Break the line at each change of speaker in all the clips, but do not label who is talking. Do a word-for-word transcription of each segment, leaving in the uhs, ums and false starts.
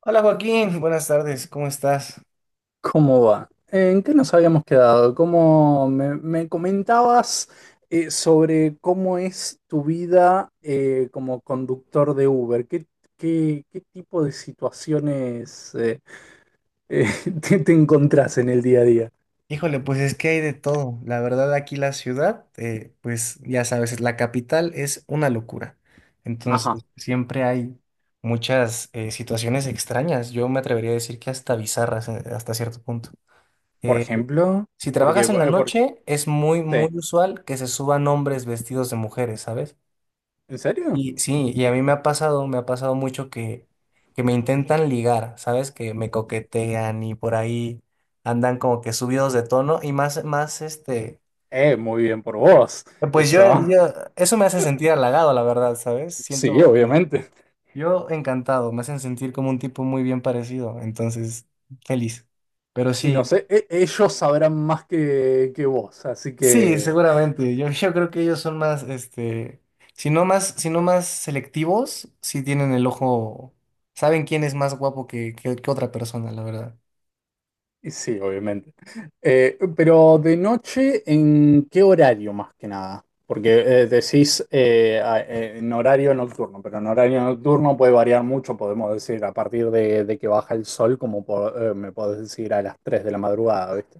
Hola Joaquín, buenas tardes, ¿cómo estás?
¿Cómo va? ¿En qué nos habíamos quedado? ¿Cómo me, me comentabas eh, sobre cómo es tu vida eh, como conductor de Uber? ¿Qué, qué- ¿qué tipo de situaciones eh, eh, te, te encontrás en el día a día?
Híjole, pues es que hay de todo. La verdad, aquí la ciudad, eh, pues ya sabes, la capital es una locura.
Ajá,
Entonces, siempre hay muchas eh, situaciones extrañas. Yo me atrevería a decir que hasta bizarras eh, hasta cierto punto.
por
Eh,
ejemplo,
si
porque,
trabajas en la
eh, por-
noche, es muy, muy
sí,
usual que se suban hombres vestidos de mujeres, ¿sabes?
¿en serio?
Y sí, y a mí me ha pasado, me ha pasado mucho que, que me intentan ligar, ¿sabes? Que me coquetean y por ahí andan como que subidos de tono y más, más este,
Eh, muy bien por vos,
Pues
eso.
yo, yo, eso me hace sentir halagado, la verdad, ¿sabes?
Sí,
Siento, me-
obviamente.
yo encantado, me hacen sentir como un tipo muy bien parecido, entonces, feliz. Pero
Y no
sí.
sé, e- ellos sabrán más que, que vos, así
Sí,
que...
seguramente. Yo, yo creo que ellos son más, este, si no más, Si no más selectivos, sí tienen el ojo, saben quién es más guapo que, que- que otra persona, la verdad.
Y sí, obviamente. Eh, pero de noche, ¿en qué horario más que nada? Porque eh, decís eh, a- eh, en horario nocturno, pero en horario nocturno puede variar mucho, podemos decir, a partir de, de que baja el sol, como po- eh, me podés decir a las tres de la madrugada, ¿viste?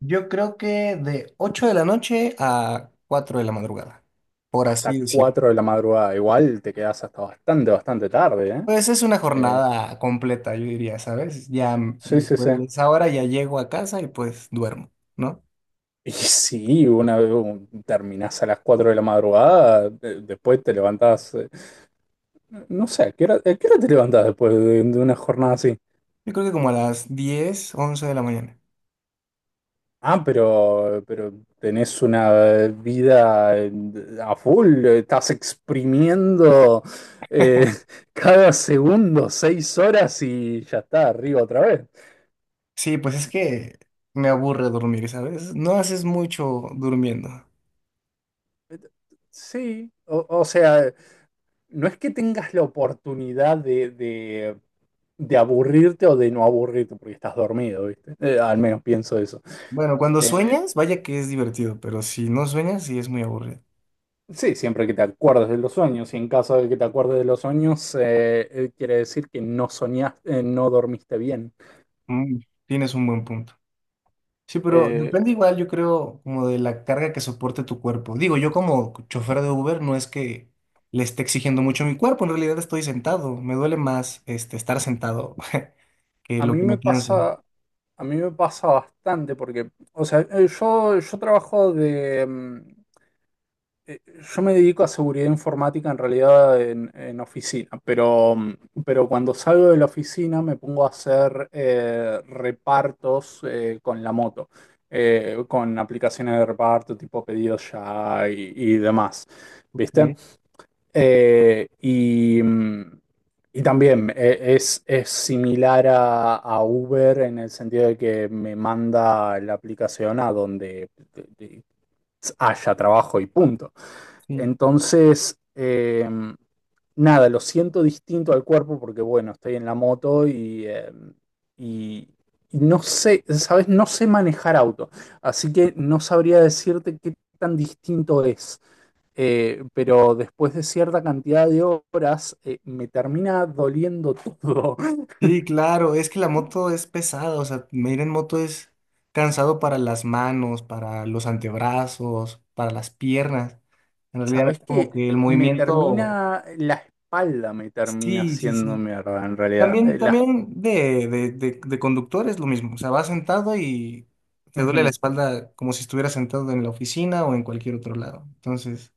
Yo creo que de ocho de la noche a cuatro de la madrugada, por
Hasta
así decirlo.
cuatro de la madrugada, igual te quedás hasta bastante, bastante tarde, ¿eh?
Pues es una
Eh,
jornada completa, yo diría, ¿sabes? Ya, mm,
sí, sí,
después
sí.
de esa hora ya llego a casa y pues duermo, ¿no?
Y sí, una vez un- terminás a las cuatro de la madrugada, eh, después te levantás. eh, No sé, ¿a qué hora, ¿a qué hora te levantás después de, de una jornada así?
Yo creo que como a las diez once de la mañana.
Ah, pero, pero tenés una vida eh, a full, eh, estás exprimiendo eh, cada segundo seis horas y ya está, arriba otra vez.
Sí, pues es que me aburre dormir, ¿sabes? No haces mucho durmiendo.
Sí, o, o sea, no es que tengas la oportunidad de, de- de aburrirte o de no aburrirte porque estás dormido, ¿viste? Eh, al menos pienso eso.
Bueno, cuando
Eh,
sueñas, vaya que es divertido, pero si no sueñas, sí es muy aburrido.
Sí, siempre que te acuerdes de los sueños, y en caso de que te acuerdes de los sueños, eh, eh, quiere decir que no soñaste, eh, no dormiste bien.
Mm, tienes un buen punto. Sí, pero
Eh,
depende igual, yo creo, como de la carga que soporte tu cuerpo. Digo, yo como chofer de Uber no es que le esté exigiendo mucho a mi cuerpo, en realidad estoy sentado. Me duele más este, estar sentado que
a
lo
mí
que me
me
canso.
pasa, a mí me pasa bastante porque, o sea, eh, yo, yo trabajo de, mm, Eh, yo me dedico a seguridad informática en realidad en, en oficina, pero, mm, pero cuando salgo de la oficina me pongo a hacer eh, repartos eh, con la moto, eh, con aplicaciones de reparto tipo pedidos ya y, y demás,
Ok,
¿viste? Eh, y, mm, y también eh, es, es similar a, a Uber en el sentido de que me manda la aplicación a donde eh, eh, haya trabajo y punto.
sí.
Entonces, eh, nada, lo siento distinto al cuerpo porque, bueno, estoy en la moto y, eh, y- y no sé, ¿sabes? No sé manejar auto, así que no sabría decirte qué tan distinto es. Eh, pero después de cierta cantidad de horas, eh, me termina doliendo todo.
Sí, claro, es que la moto es pesada, o sea, ir en moto es cansado para las manos, para los antebrazos, para las piernas. En realidad,
¿Sabes
como
qué?
que el
Me
movimiento,
termina, la espalda me termina
sí, sí,
haciendo
sí.
mierda en realidad.
También,
Eh, la,
también de, de, de, de conductor es lo mismo, o sea, vas sentado y te duele la
Ujú.
espalda como si estuvieras sentado en la oficina o en cualquier otro lado. Entonces,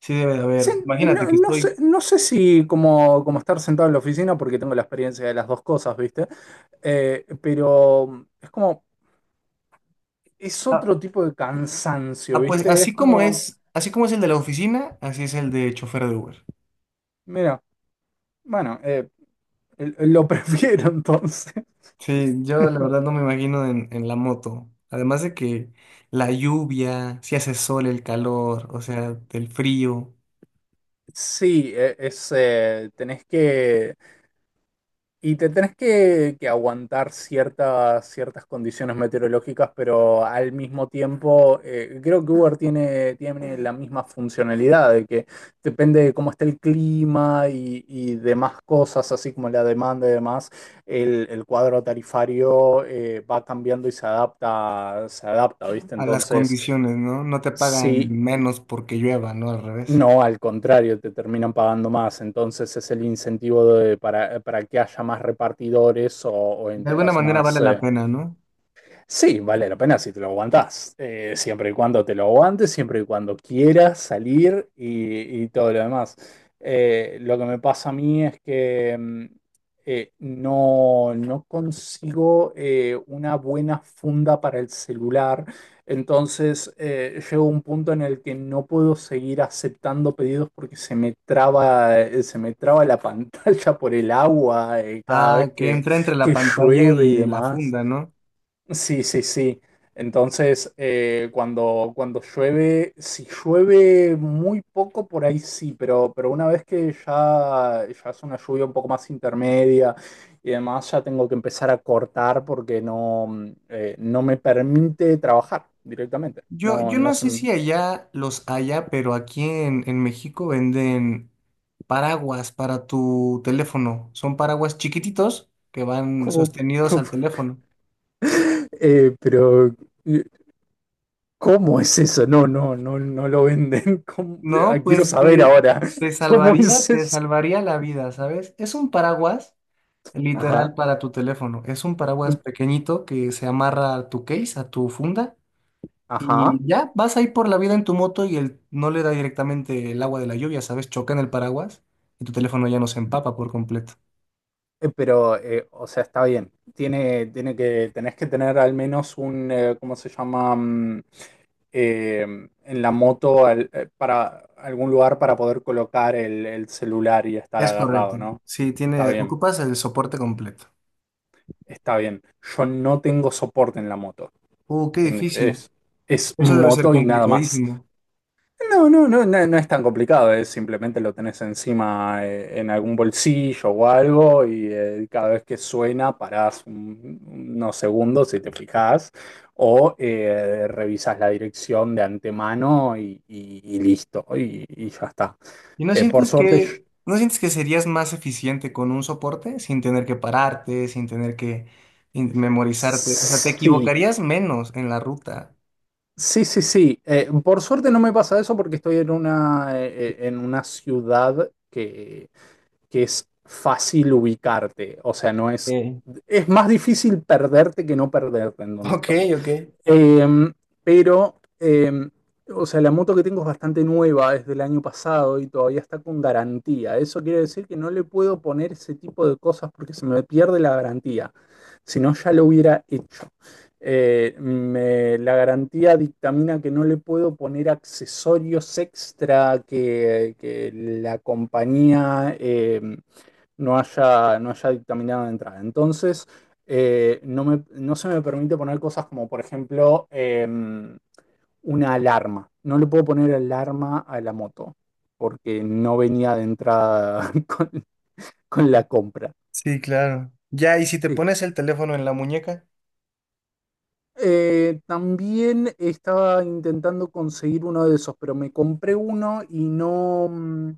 sí debe de
Sí,
haber. Imagínate
no,
que
no sé,
estoy,
no sé si como, como estar sentado en la oficina, porque tengo la experiencia de las dos cosas, ¿viste? Eh, pero es como, es
ah,
otro tipo de cansancio,
ah, pues
¿viste? Es
así como
como,
es, así como es el de la oficina, así es el de chofer de Uber.
mira, bueno, eh, lo prefiero entonces.
Sí, yo la verdad no me imagino en, en la moto. Además de que la lluvia, si hace sol, el calor, o sea, el frío,
Sí, eh, es, eh, tenés que, y te tenés que, que aguantar ciertas, ciertas condiciones meteorológicas, pero al mismo tiempo eh, creo que Uber tiene, tiene la misma funcionalidad, de que depende de cómo esté el clima y, y demás cosas, así como la demanda y demás, el, el cuadro tarifario eh, va cambiando y se adapta, se adapta, ¿viste?
a las
Entonces,
condiciones, ¿no? No te pagan
sí,
menos porque llueva, ¿no? Al revés.
no, al contrario, te terminan pagando más. Entonces es el incentivo de- para, para que haya más repartidores o, o en
De
tu
alguna
caso
manera
más,
vale la
eh,
pena, ¿no?
sí, vale la pena si te lo aguantás. Eh, siempre y cuando te lo aguantes, siempre y cuando quieras salir y, y todo lo demás. Eh, lo que me pasa a mí es que mm, eh, no, no consigo eh, una buena funda para el celular. Entonces, eh, llego a un punto en el que no puedo seguir aceptando pedidos porque se me traba, eh, se me traba la pantalla por el agua, eh, cada
Ah,
vez
que
que,
entra entre la
que
pantalla
llueve y
y la
demás.
funda, ¿no?
Sí, sí, sí. Entonces, eh, cuando, cuando llueve, si llueve muy poco, por ahí sí, pero, pero una vez que ya, ya es una lluvia un poco más intermedia y demás, ya tengo que empezar a cortar porque no, mm, eh, no me permite trabajar directamente.
Yo,
No,
yo
no
no
se...
sé
me-
si allá los haya, pero aquí en, en México venden paraguas para tu teléfono. Son paraguas chiquititos que van
¿cómo? ¿Cómo?
sostenidos al teléfono.
Eh, pero, eh, ¿cómo es eso? No, no, no, no lo venden. ¿Cómo? Ah,
No,
quiero
pues
saber
eh,
ahora,
te
¿cómo
salvaría,
es
te
eso?
salvaría la vida, ¿sabes? Es un paraguas literal
Ajá.
para tu teléfono. Es un paraguas pequeñito que se amarra a tu case, a tu funda,
Ajá,
y ya vas ahí por la vida en tu moto y el, no le da directamente el agua de la lluvia, ¿sabes? Choca en el paraguas y tu teléfono ya no se empapa por completo.
eh, pero, eh, o sea, está bien. Tiene, tiene que, tenés que tener al menos un, eh, ¿cómo se llama? Mm, eh, en la moto al- eh, para algún lugar para poder colocar el, el celular y estar
Es correcto.
agarrado, ¿no?
Sí,
Está
tiene,
bien,
ocupas el soporte completo.
está bien. Yo no tengo soporte en la moto.
Uh, qué
Tengo,
difícil.
es, es
Eso debe ser
moto y nada más.
complicadísimo.
No, no, no, no, no es tan complicado, es simplemente lo tenés encima eh, en algún bolsillo o algo y eh, cada vez que suena parás un- unos segundos si te fijás o eh, revisas la dirección de antemano y, y- y listo, y, y ya está.
¿Y no
Eh, por
sientes
suerte, yo-
que, no sientes que serías más eficiente con un soporte sin tener que pararte, sin tener que in- memorizarte? O sea, te
sí,
equivocarías menos en la ruta.
sí, sí, sí. Eh, por suerte no me pasa eso porque estoy en una, eh, eh, en una ciudad que es fácil ubicarte, o sea, no es...
Eh,
Es más difícil perderte que no perderte en donde
Ok,
estoy.
ok.
Eh, pero, eh, o sea, la moto que tengo es bastante nueva, es del año pasado y todavía está con garantía. Eso quiere decir que no le puedo poner ese tipo de cosas porque se me pierde la garantía. Si no, ya lo hubiera hecho. Eh, me- la garantía dictamina que no le puedo poner accesorios extra que, que la compañía eh, no haya, no haya dictaminado de entrada. Entonces, eh, no me- no se me permite poner cosas como, por ejemplo, em, una alarma. No le puedo poner alarma a la moto porque no venía de entrada con, con la compra.
Sí, claro. Ya, ¿y si te
Eh,
pones el teléfono en la muñeca?
eh, también estaba intentando conseguir uno de esos, pero me compré uno y no, mm,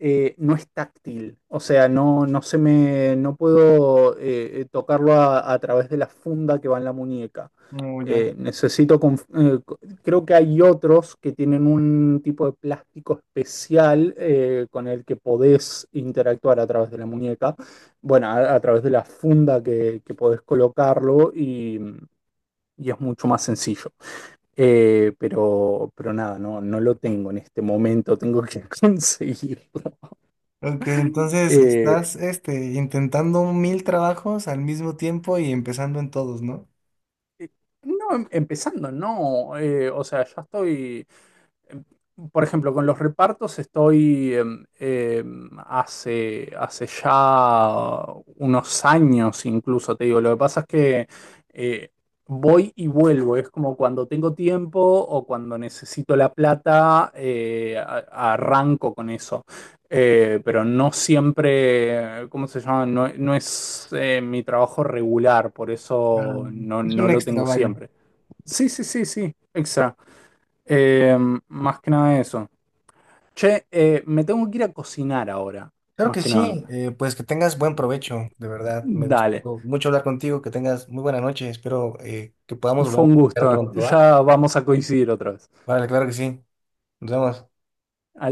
eh, no es táctil, o sea, no, no se me, no puedo eh, eh, tocarlo a, a través de la funda que va en la muñeca.
No,
Eh,
ya.
necesito, conf- eh, co- creo que hay otros que tienen un tipo de plástico especial eh, con el que podés interactuar a través de la muñeca, bueno, a, a través de la funda que, que podés colocarlo y, y es mucho más sencillo. Eh, pero, pero nada, no, no lo tengo en este momento, tengo que conseguirlo.
Ok, entonces
Eh,
estás este, intentando mil trabajos al mismo tiempo y empezando en todos, ¿no?
Eh, No, em- empezando, no. Eh, o sea, ya estoy. Por ejemplo, con los repartos estoy em, em, hace, hace ya unos años incluso, te digo. Lo que pasa es que eh, voy y vuelvo. Es como cuando tengo tiempo o cuando necesito la plata, eh, a- arranco con eso. Eh, pero no siempre, ¿cómo se llama? No, no es eh, mi trabajo regular, por
Ah,
eso no,
es
no
un
lo tengo
extravallo.
siempre. Sí, sí, sí, sí, exacto. Eh, más que nada eso. Che, eh, me tengo que ir a cocinar ahora,
Claro
más
que
que nada.
sí, eh, pues que tengas buen provecho, de verdad. Me
Dale,
gustó mucho hablar contigo, que tengas muy buena noche. Espero eh, que podamos volver
fue
a
un
platicar
gusto.
pronto, ¿va?
Ya vamos a coincidir otra vez.
Vale, claro que sí. Nos vemos.